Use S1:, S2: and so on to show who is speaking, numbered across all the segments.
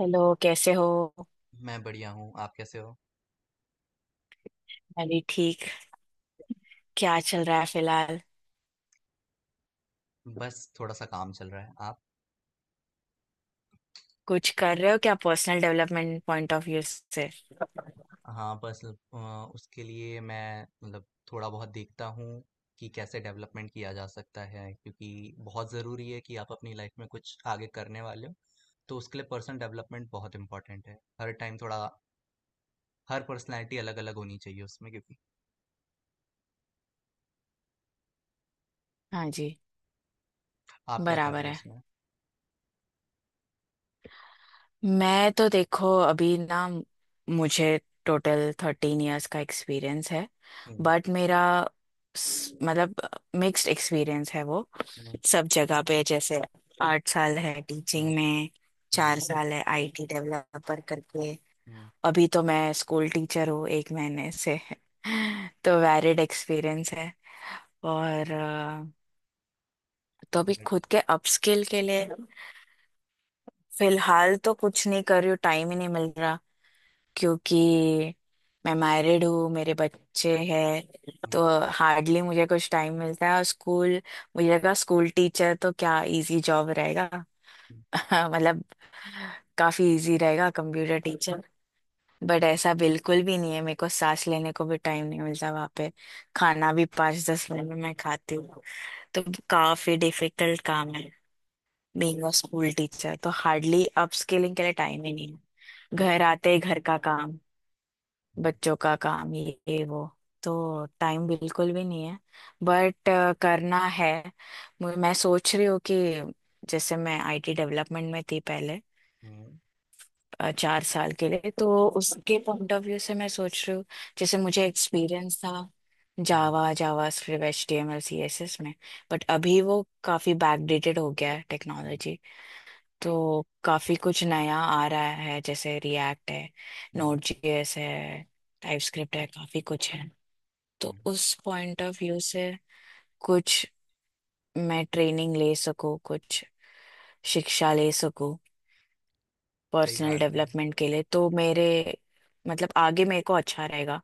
S1: Hello, कैसे हो।
S2: मैं बढ़िया हूँ, आप कैसे हो?
S1: मैं भी ठीक। क्या चल रहा है फिलहाल।
S2: बस थोड़ा-सा काम चल रहा है, आप?
S1: कुछ कर रहे हो क्या personal development point of view से।
S2: हाँ, बस उसके लिए मैं मतलब थोड़ा बहुत देखता हूँ कि कैसे डेवलपमेंट किया जा सकता है, क्योंकि बहुत ज़रूरी है कि आप अपनी लाइफ में कुछ आगे करने वाले हो। तो उसके लिए पर्सनल डेवलपमेंट बहुत इम्पोर्टेंट है। हर टाइम थोड़ा हर पर्सनैलिटी अलग-अलग होनी चाहिए उसमें, क्योंकि
S1: हाँ जी।
S2: आप क्या कर
S1: बराबर
S2: रहे हो
S1: है।
S2: उसमें?
S1: मैं तो देखो अभी ना, मुझे टोटल 13 इयर्स का एक्सपीरियंस है।
S2: हुँ।
S1: बट मेरा, मतलब, मिक्स्ड एक्सपीरियंस है वो।
S2: हुँ,
S1: सब जगह पे जैसे 8 साल है
S2: हुँ,
S1: टीचिंग में, चार
S2: हुँ,
S1: साल है आईटी डेवलपर करके।
S2: हुँ,
S1: अभी तो मैं स्कूल टीचर हूँ एक महीने से तो वैलिड एक्सपीरियंस है। और तो अभी खुद
S2: बट
S1: के अपस्किल के लिए फिलहाल तो कुछ नहीं कर रही हूँ, टाइम ही नहीं मिल रहा, क्योंकि मैं मैरिड हूँ, मेरे बच्चे हैं,
S2: हुँ,
S1: तो हार्डली मुझे कुछ टाइम मिलता है। और स्कूल, मुझे लगा स्कूल टीचर तो क्या इजी जॉब रहेगा
S2: हुँ,
S1: मतलब काफी इजी रहेगा कंप्यूटर। बट ऐसा बिल्कुल भी नहीं है, मेरे को सांस लेने को भी टाइम नहीं मिलता वहां पे। खाना भी 5-10 मिनट में मैं खाती हूँ। तो काफी डिफिकल्ट काम है बीइंग अ स्कूल टीचर, तो हार्डली अपस्किलिंग के लिए टाइम ही नहीं है। घर आते ही घर का काम,
S2: हुँ,
S1: बच्चों का काम, ये वो, तो टाइम बिल्कुल भी नहीं है। बट करना है। मैं सोच रही हूँ कि जैसे मैं आईटी डेवलपमेंट में थी पहले,
S2: हुँ,
S1: 4 साल के लिए, तो उसके पॉइंट ऑफ व्यू से मैं सोच रही हूँ। जैसे मुझे एक्सपीरियंस था
S2: हुँ,
S1: जावा जावा स्क्रिप्ट HTML CSS में, बट अभी वो काफी बैकडेटेड हो गया है
S2: हुँ,
S1: टेक्नोलॉजी। तो काफी कुछ नया आ रहा है, जैसे रिएक्ट है,
S2: हुँ,
S1: Node.js है, टाइप स्क्रिप्ट है, काफी कुछ है। तो
S2: हुँ,
S1: उस पॉइंट ऑफ व्यू से कुछ मैं ट्रेनिंग ले सकूँ, कुछ शिक्षा ले सकूँ
S2: सही
S1: पर्सनल
S2: बात है।
S1: डेवलपमेंट के लिए, तो मेरे, मतलब आगे मेरे को अच्छा रहेगा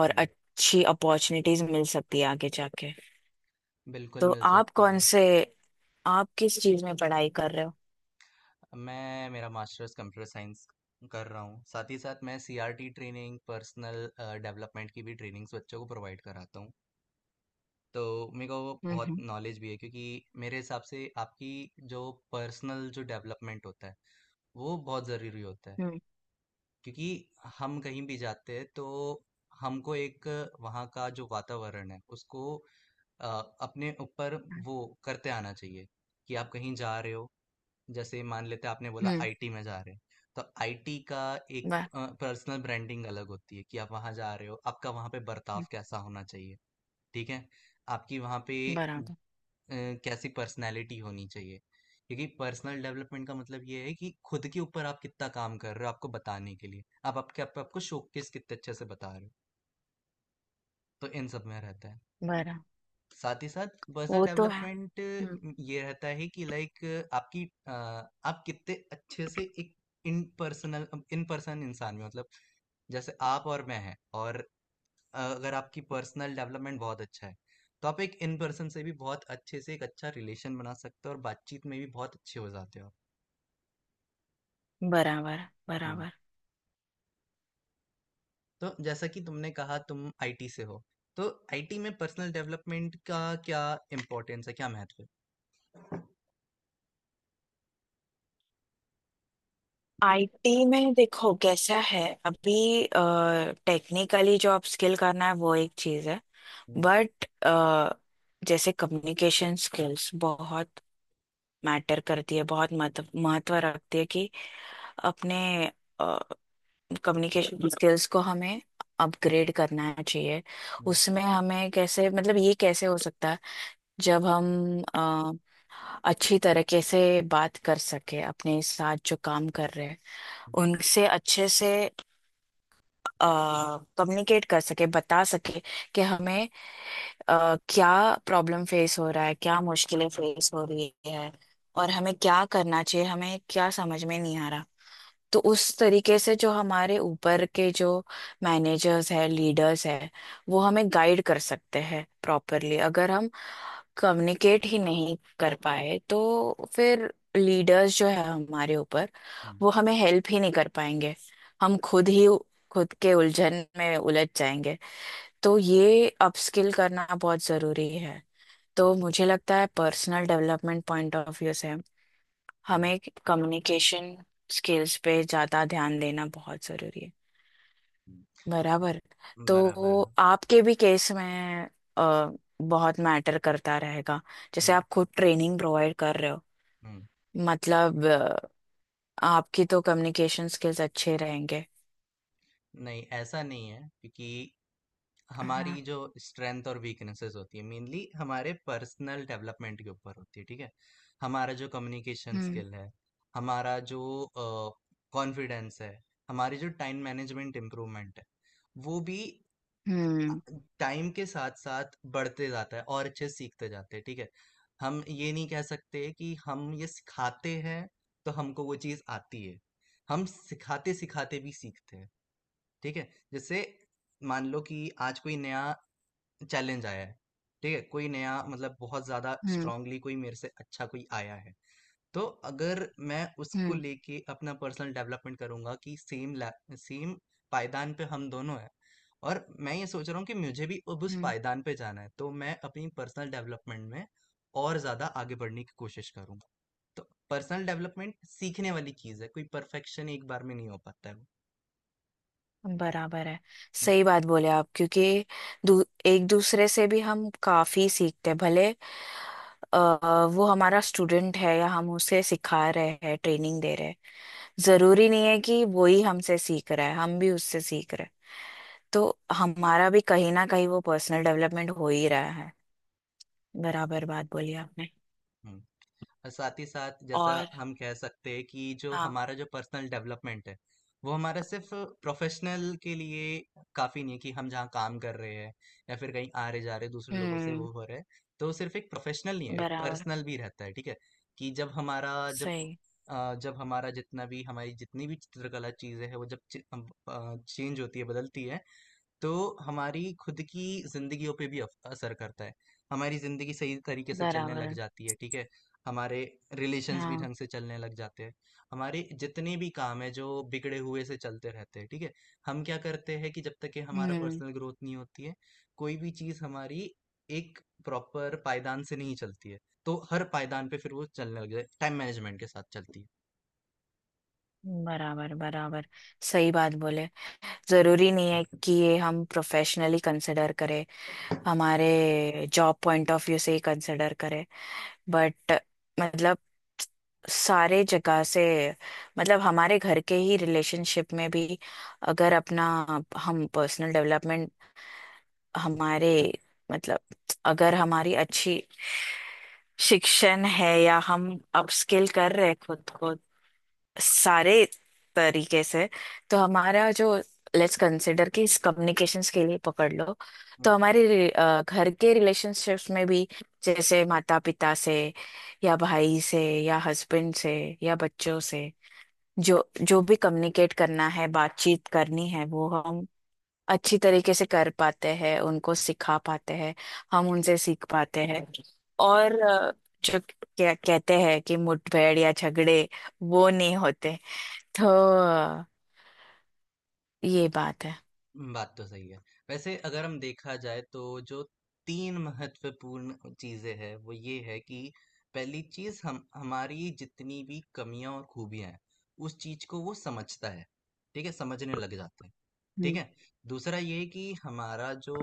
S1: और
S2: हुँ।
S1: अच्छी अपॉर्चुनिटीज मिल सकती है आगे जाके।
S2: बिल्कुल
S1: तो
S2: मिल
S1: आप
S2: सकती
S1: कौन
S2: है।
S1: से आप किस चीज में पढ़ाई कर रहे हो।
S2: मैं मेरा मास्टर्स कंप्यूटर साइंस कर रहा हूँ। साथ ही साथ मैं सीआरटी ट्रेनिंग, पर्सनल डेवलपमेंट की भी ट्रेनिंग्स बच्चों को प्रोवाइड कराता हूँ। तो मेरे को
S1: हम्म।
S2: बहुत
S1: हम्म।
S2: नॉलेज भी है, क्योंकि मेरे हिसाब से आपकी जो पर्सनल जो डेवलपमेंट होता है, वो बहुत ज़रूरी होता है।
S1: हम्म।
S2: क्योंकि हम कहीं भी जाते हैं तो हमको एक वहाँ का जो वातावरण है उसको अ, अपने ऊपर वो करते आना चाहिए, कि आप कहीं जा रहे हो। जैसे मान लेते हैं आपने बोला
S1: हम्म।
S2: आईटी में जा रहे हैं, तो आईटी का एक
S1: ब-
S2: पर्सनल ब्रांडिंग अलग होती है कि आप वहां जा रहे हो, आपका वहां पे बर्ताव
S1: हम्म।
S2: कैसा होना चाहिए, ठीक है? आपकी वहां पे
S1: बराबर।
S2: अ, कैसी पर्सनैलिटी होनी चाहिए, क्योंकि पर्सनल डेवलपमेंट का मतलब ये है कि खुद के ऊपर आप कितना काम कर रहे हो, आपको बताने के लिए आपको शोकेस कितने अच्छे से बता रहे हो। तो इन सब में रहता है।
S1: बराबर।
S2: साथ ही साथ पर्सनल
S1: वो तो है।
S2: डेवलपमेंट
S1: हम्म।
S2: ये रहता है कि, लाइक, आपकी अ, आप कितने अच्छे से एक इन पर्सनल इन पर्सन इंसान में, मतलब, जैसे आप और मैं हैं। और अगर आपकी पर्सनल डेवलपमेंट बहुत अच्छा है, तो आप एक इन पर्सन से भी बहुत अच्छे से एक अच्छा रिलेशन बना सकते हो और बातचीत में भी बहुत अच्छे हो जाते हो।
S1: बराबर।
S2: हम्म,
S1: बराबर।
S2: तो जैसा कि तुमने कहा तुम आईटी से हो, तो आईटी में पर्सनल डेवलपमेंट का क्या इम्पोर्टेंस है, क्या महत्व है?
S1: आईटी में देखो कैसा है अभी। टेक्निकली जो आप स्किल करना है वो एक चीज है,
S2: हम्म,
S1: बट जैसे कम्युनिकेशन स्किल्स बहुत मैटर करती है, बहुत महत्व महत्व रखती है कि अपने कम्युनिकेशन स्किल्स को हमें अपग्रेड करना चाहिए।
S2: हम्म,
S1: उसमें हमें कैसे, मतलब ये कैसे हो सकता है। जब हम अच्छी तरीके से बात कर सके अपने साथ जो काम कर रहे हैं
S2: हम्म,
S1: उनसे अच्छे से, कम्युनिकेट कर सके, बता सके कि हमें क्या प्रॉब्लम फेस हो रहा है, क्या मुश्किलें फेस हो रही है, और हमें क्या करना चाहिए, हमें क्या समझ में नहीं आ रहा। तो उस तरीके से जो हमारे ऊपर के जो मैनेजर्स है, लीडर्स है, वो हमें गाइड कर सकते हैं प्रॉपरली। अगर हम कम्युनिकेट ही नहीं कर पाए, तो फिर लीडर्स जो है हमारे ऊपर,
S2: हम्म,
S1: वो हमें हेल्प ही नहीं कर पाएंगे। हम खुद ही खुद के उलझन में उलझ जाएंगे। तो ये अपस्किल करना बहुत जरूरी है। तो मुझे लगता है personal development point of view से
S2: हम्म,
S1: हमें कम्युनिकेशन स्किल्स पे ज़्यादा ध्यान देना बहुत ज़रूरी है।
S2: हम्म।
S1: बराबर।
S2: बराबर
S1: तो
S2: है।
S1: आपके भी केस में अ, बहुत मैटर करता रहेगा, जैसे
S2: हुँ,
S1: आप खुद ट्रेनिंग प्रोवाइड कर रहे हो,
S2: हुँ।
S1: मतलब, आपकी तो कम्युनिकेशन स्किल्स अच्छे रहेंगे।
S2: नहीं, ऐसा नहीं है, क्योंकि
S1: हाँ।
S2: हमारी जो स्ट्रेंथ और वीकनेसेस होती है, मेनली हमारे पर्सनल डेवलपमेंट के ऊपर होती है, ठीक है? हमारा जो कम्युनिकेशन
S1: हम्म।
S2: स्किल है, हमारा जो कॉन्फिडेंस है, हमारी जो टाइम मैनेजमेंट इम्प्रूवमेंट है, वो भी
S1: हम्म।
S2: टाइम के साथ साथ बढ़ते जाता है और अच्छे से सीखते जाते हैं, ठीक है। हम ये नहीं कह सकते कि हम ये सिखाते हैं, तो हमको वो चीज़ आती है। हम सिखाते सिखाते भी सीखते हैं, ठीक है। जैसे मान लो कि आज कोई नया चैलेंज आया है, ठीक है? कोई नया, मतलब, बहुत ज़्यादा
S1: हम्म।
S2: स्ट्रांगली कोई मेरे से अच्छा कोई आया है। तो अगर मैं उसको
S1: हम्म।
S2: लेके अपना पर्सनल डेवलपमेंट करूंगा कि सेम सेम पायदान पे हम दोनों हैं, और मैं ये सोच रहा हूँ कि मुझे भी अब उस
S1: हम्म।
S2: पायदान पे जाना है, तो मैं अपनी पर्सनल डेवलपमेंट में और ज्यादा आगे बढ़ने की कोशिश करूंगा। तो पर्सनल डेवलपमेंट सीखने वाली चीज है, कोई परफेक्शन एक बार में नहीं हो पाता है वो।
S1: बराबर है।
S2: हम्म,
S1: सही बात बोले आप, क्योंकि एक दूसरे से भी हम काफी सीखते हैं, भले अ, वो हमारा स्टूडेंट है या हम उसे सिखा रहे हैं, ट्रेनिंग दे रहे हैं। जरूरी नहीं है कि वो ही हमसे सीख रहा है, हम भी उससे सीख रहे हैं। तो हमारा भी कहीं ना कहीं वो पर्सनल डेवलपमेंट हो ही रहा है। बराबर बात बोली आपने।
S2: हम्म। और साथ ही साथ जैसा
S1: और
S2: हम कह सकते हैं कि जो
S1: हाँ।
S2: हमारा जो पर्सनल डेवलपमेंट है, वो हमारा सिर्फ प्रोफेशनल के लिए काफ़ी नहीं है, कि हम जहाँ काम कर रहे हैं या फिर कहीं आ रहे जा रहे दूसरे लोगों से
S1: हम्म।
S2: वो हो रहे हैं। तो सिर्फ एक प्रोफेशनल नहीं है, एक
S1: बराबर।
S2: पर्सनल भी रहता है, ठीक है। कि जब
S1: सही।
S2: जब हमारा जितना भी हमारी जितनी भी चित्रकला चीज़ें हैं वो जब चेंज होती है बदलती है, तो हमारी खुद की जिंदगियों पे भी असर करता है। हमारी जिंदगी सही तरीके से चलने लग
S1: बराबर।
S2: जाती है, ठीक है। हमारे रिलेशंस भी
S1: हाँ।
S2: ढंग से चलने लग जाते हैं। हमारे जितने भी काम है जो बिगड़े हुए से चलते रहते हैं, ठीक है। हम क्या करते हैं कि जब तक कि हमारा
S1: हम्म।
S2: पर्सनल ग्रोथ नहीं होती है, कोई भी चीज हमारी एक प्रॉपर पायदान से नहीं चलती है। तो हर पायदान पे फिर वो चलने लग जाए, टाइम मैनेजमेंट के साथ चलती है।
S1: बराबर। बराबर। सही बात बोले। जरूरी नहीं है कि ये हम प्रोफेशनली कंसिडर करें, हमारे जॉब पॉइंट ऑफ व्यू से ही कंसिडर करें। बट मतलब सारे जगह से, मतलब हमारे घर के ही रिलेशनशिप में भी, अगर अपना, हम पर्सनल डेवलपमेंट, हमारे, मतलब अगर हमारी अच्छी शिक्षण है या हम अपस्किल कर रहे हैं खुद को, सारे तरीके से, तो हमारा जो, लेट्स कंसिडर कि इस कम्युनिकेशंस के लिए पकड़ लो। तो
S2: हम्म।
S1: हमारे घर के रिलेशनशिप्स में भी, जैसे माता पिता से या भाई से या हस्बैंड से या बच्चों से, जो जो भी कम्युनिकेट करना है, बातचीत करनी है, वो हम अच्छी तरीके से कर पाते हैं, उनको सिखा पाते हैं, हम उनसे सीख पाते हैं। और जो क्या कहते हैं, कि मुठभेड़ या झगड़े वो नहीं होते। तो ये बात है।
S2: बात तो सही है। वैसे अगर हम देखा जाए तो जो 3 महत्वपूर्ण चीज़ें हैं, वो ये है कि पहली चीज़ हम हमारी जितनी भी कमियाँ और खूबियाँ हैं, उस चीज़ को वो समझता है, ठीक है? समझने लग जाता है, ठीक
S1: हम्म।
S2: है? दूसरा ये है कि हमारा जो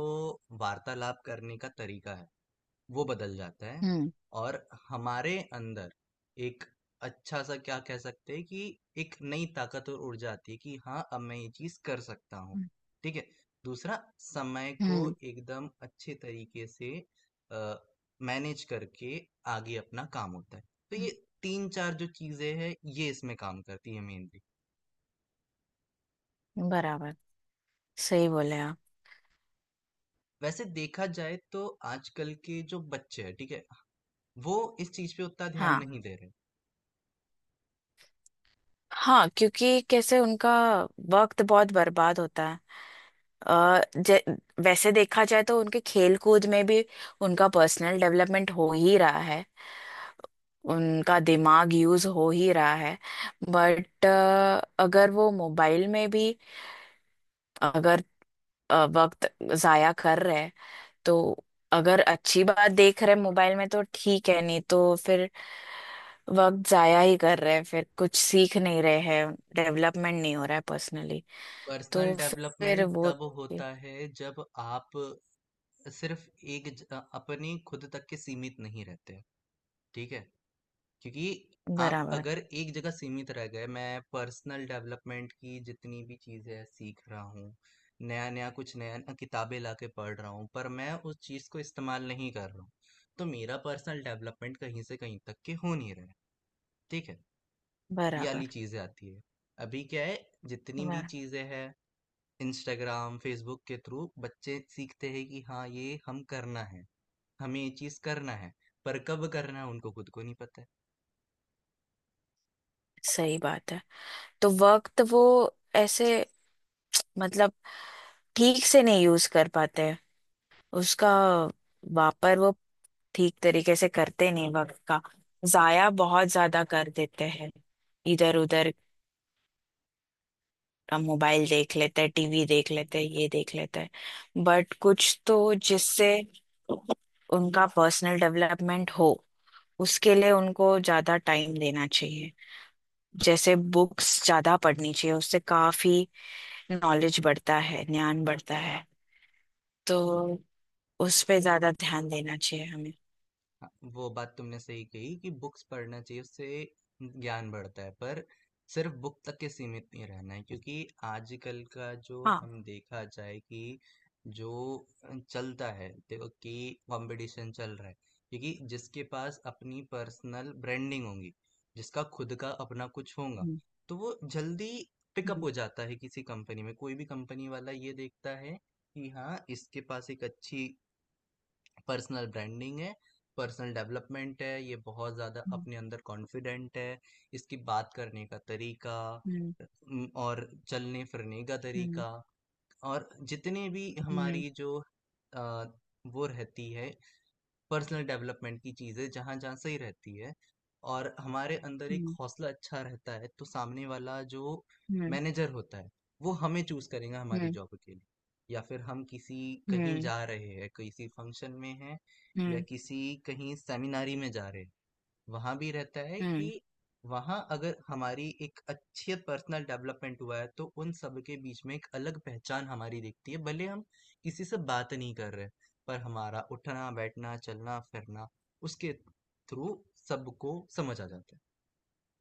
S2: वार्तालाप करने का तरीका है, वो बदल जाता है।
S1: हम्म।
S2: और हमारे अंदर एक अच्छा सा, क्या कह सकते हैं कि, एक नई ताकत और ऊर्जा आती है कि हाँ, अब मैं ये चीज कर सकता हूँ,
S1: हम्म।
S2: ठीक है। दूसरा, समय को
S1: हम्म।
S2: एकदम अच्छे तरीके से मैनेज करके आगे अपना काम होता है। तो ये तीन चार जो चीजें हैं ये इसमें काम करती है, मेनली।
S1: हम्म। बराबर। सही बोले आप।
S2: वैसे देखा जाए तो आजकल के जो बच्चे हैं, ठीक है, वो इस चीज पे उतना ध्यान
S1: हाँ।
S2: नहीं दे रहे।
S1: हाँ, क्योंकि कैसे उनका वक्त बहुत बर्बाद होता है। अ, जे- वैसे देखा जाए तो उनके खेल कूद में भी उनका पर्सनल डेवलपमेंट हो ही रहा है, उनका दिमाग यूज हो ही रहा है। बट अगर वो मोबाइल में भी, अगर वक्त जाया कर रहे हैं, तो अगर अच्छी बात देख रहे हैं मोबाइल में तो ठीक है, नहीं तो फिर वक्त जाया ही कर रहे हैं, फिर कुछ सीख नहीं रहे हैं, डेवलपमेंट नहीं हो रहा है पर्सनली।
S2: पर्सनल
S1: तो फिर
S2: डेवलपमेंट
S1: वो,
S2: तब होता है जब आप सिर्फ एक अपनी खुद तक के सीमित नहीं रहते, ठीक है। क्योंकि आप
S1: बराबर।
S2: अगर एक जगह सीमित रह गए, मैं पर्सनल डेवलपमेंट की जितनी भी चीज़ें सीख रहा हूँ, नया नया कुछ नया नया किताबें ला के पढ़ रहा हूँ, पर मैं उस चीज़ को इस्तेमाल नहीं कर रहा हूँ, तो मेरा पर्सनल डेवलपमेंट कहीं से कहीं तक के हो नहीं रहा है, ठीक है। ये
S1: बराबर।
S2: वाली चीज़ें आती है। अभी क्या है, जितनी भी
S1: बराबर।
S2: चीज़ें हैं इंस्टाग्राम, फ़ेसबुक के थ्रू बच्चे सीखते हैं कि हाँ, ये हम करना है, हमें ये चीज़ करना है, पर कब करना है उनको खुद को नहीं पता है।
S1: सही बात है। तो वक्त वो ऐसे, मतलब ठीक से नहीं यूज कर पाते हैं, उसका वापर वो ठीक तरीके से करते नहीं, वक्त का जाया बहुत ज्यादा कर देते हैं इधर उधर। हम मोबाइल देख लेते हैं, टीवी देख लेते हैं, ये देख लेते हैं, बट कुछ तो जिससे उनका पर्सनल डेवलपमेंट हो, उसके लिए उनको ज्यादा टाइम देना चाहिए, जैसे बुक्स ज्यादा पढ़नी चाहिए, उससे काफी नॉलेज बढ़ता है, ज्ञान बढ़ता है। तो उस पे ज्यादा ध्यान देना चाहिए हमें।
S2: हाँ, वो बात तुमने सही कही कि बुक्स पढ़ना चाहिए, उससे ज्ञान बढ़ता है, पर सिर्फ बुक तक के सीमित नहीं रहना है, क्योंकि आजकल का जो
S1: हाँ।
S2: हम देखा जाए कि जो चलता है देखो कि कंपटीशन चल रहा है। क्योंकि जिसके पास अपनी पर्सनल ब्रांडिंग होगी, जिसका खुद का अपना कुछ होगा,
S1: हम्म।
S2: तो वो जल्दी पिकअप
S1: हम्म।
S2: हो जाता है किसी कंपनी में। कोई भी कंपनी वाला ये देखता है कि हाँ, इसके पास एक अच्छी पर्सनल ब्रांडिंग है, पर्सनल डेवलपमेंट है, ये बहुत ज़्यादा अपने अंदर कॉन्फिडेंट है, इसकी बात करने का तरीका,
S1: हम्म।
S2: और चलने फिरने का तरीका और जितने भी
S1: हम्म।
S2: हमारी जो अ, वो रहती है पर्सनल डेवलपमेंट की चीज़ें जहाँ-जहाँ सही रहती है, और हमारे अंदर एक
S1: हम्म।
S2: हौसला अच्छा रहता है, तो सामने वाला जो
S1: हम्म।
S2: मैनेजर होता है, वो हमें चूज़ करेगा
S1: हम्म।
S2: हमारी
S1: हम्म।
S2: जॉब के लिए। या फिर हम किसी
S1: हम्म।
S2: कहीं
S1: हम्म।
S2: जा रहे हैं, किसी फंक्शन में हैं, या
S1: हम्म।
S2: किसी कहीं सेमिनारी में जा रहे हैं। वहाँ भी रहता है कि
S1: हम्म।
S2: वहाँ अगर हमारी एक अच्छी पर्सनल डेवलपमेंट हुआ है, तो उन सब के बीच में एक अलग पहचान हमारी दिखती है, भले हम किसी से बात नहीं कर रहे, पर हमारा उठना बैठना चलना फिरना उसके थ्रू सबको समझ आ जाता है।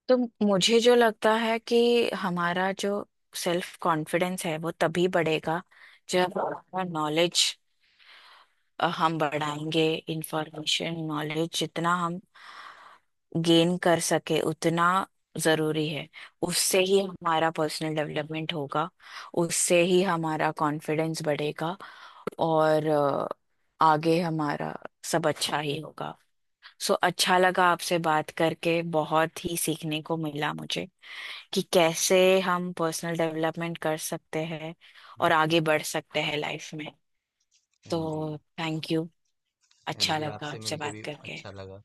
S1: तो मुझे जो लगता है कि हमारा जो सेल्फ कॉन्फिडेंस है वो तभी बढ़ेगा जब हमारा नॉलेज हम बढ़ाएंगे। इंफॉर्मेशन नॉलेज जितना हम गेन कर सके, उतना जरूरी है। उससे ही हमारा पर्सनल डेवलपमेंट होगा, उससे ही हमारा कॉन्फिडेंस बढ़ेगा। और आगे हमारा सब अच्छा ही होगा। सो अच्छा लगा आपसे बात करके, बहुत ही सीखने को मिला मुझे कि कैसे हम पर्सनल डेवलपमेंट कर सकते हैं
S2: हम्म।
S1: और आगे बढ़ सकते हैं लाइफ में।
S2: हाँ जी।
S1: तो थैंक यू।
S2: हाँ
S1: अच्छा
S2: जी,
S1: लगा
S2: आपसे
S1: आपसे
S2: मिलके
S1: बात
S2: भी
S1: करके।
S2: अच्छा लगा।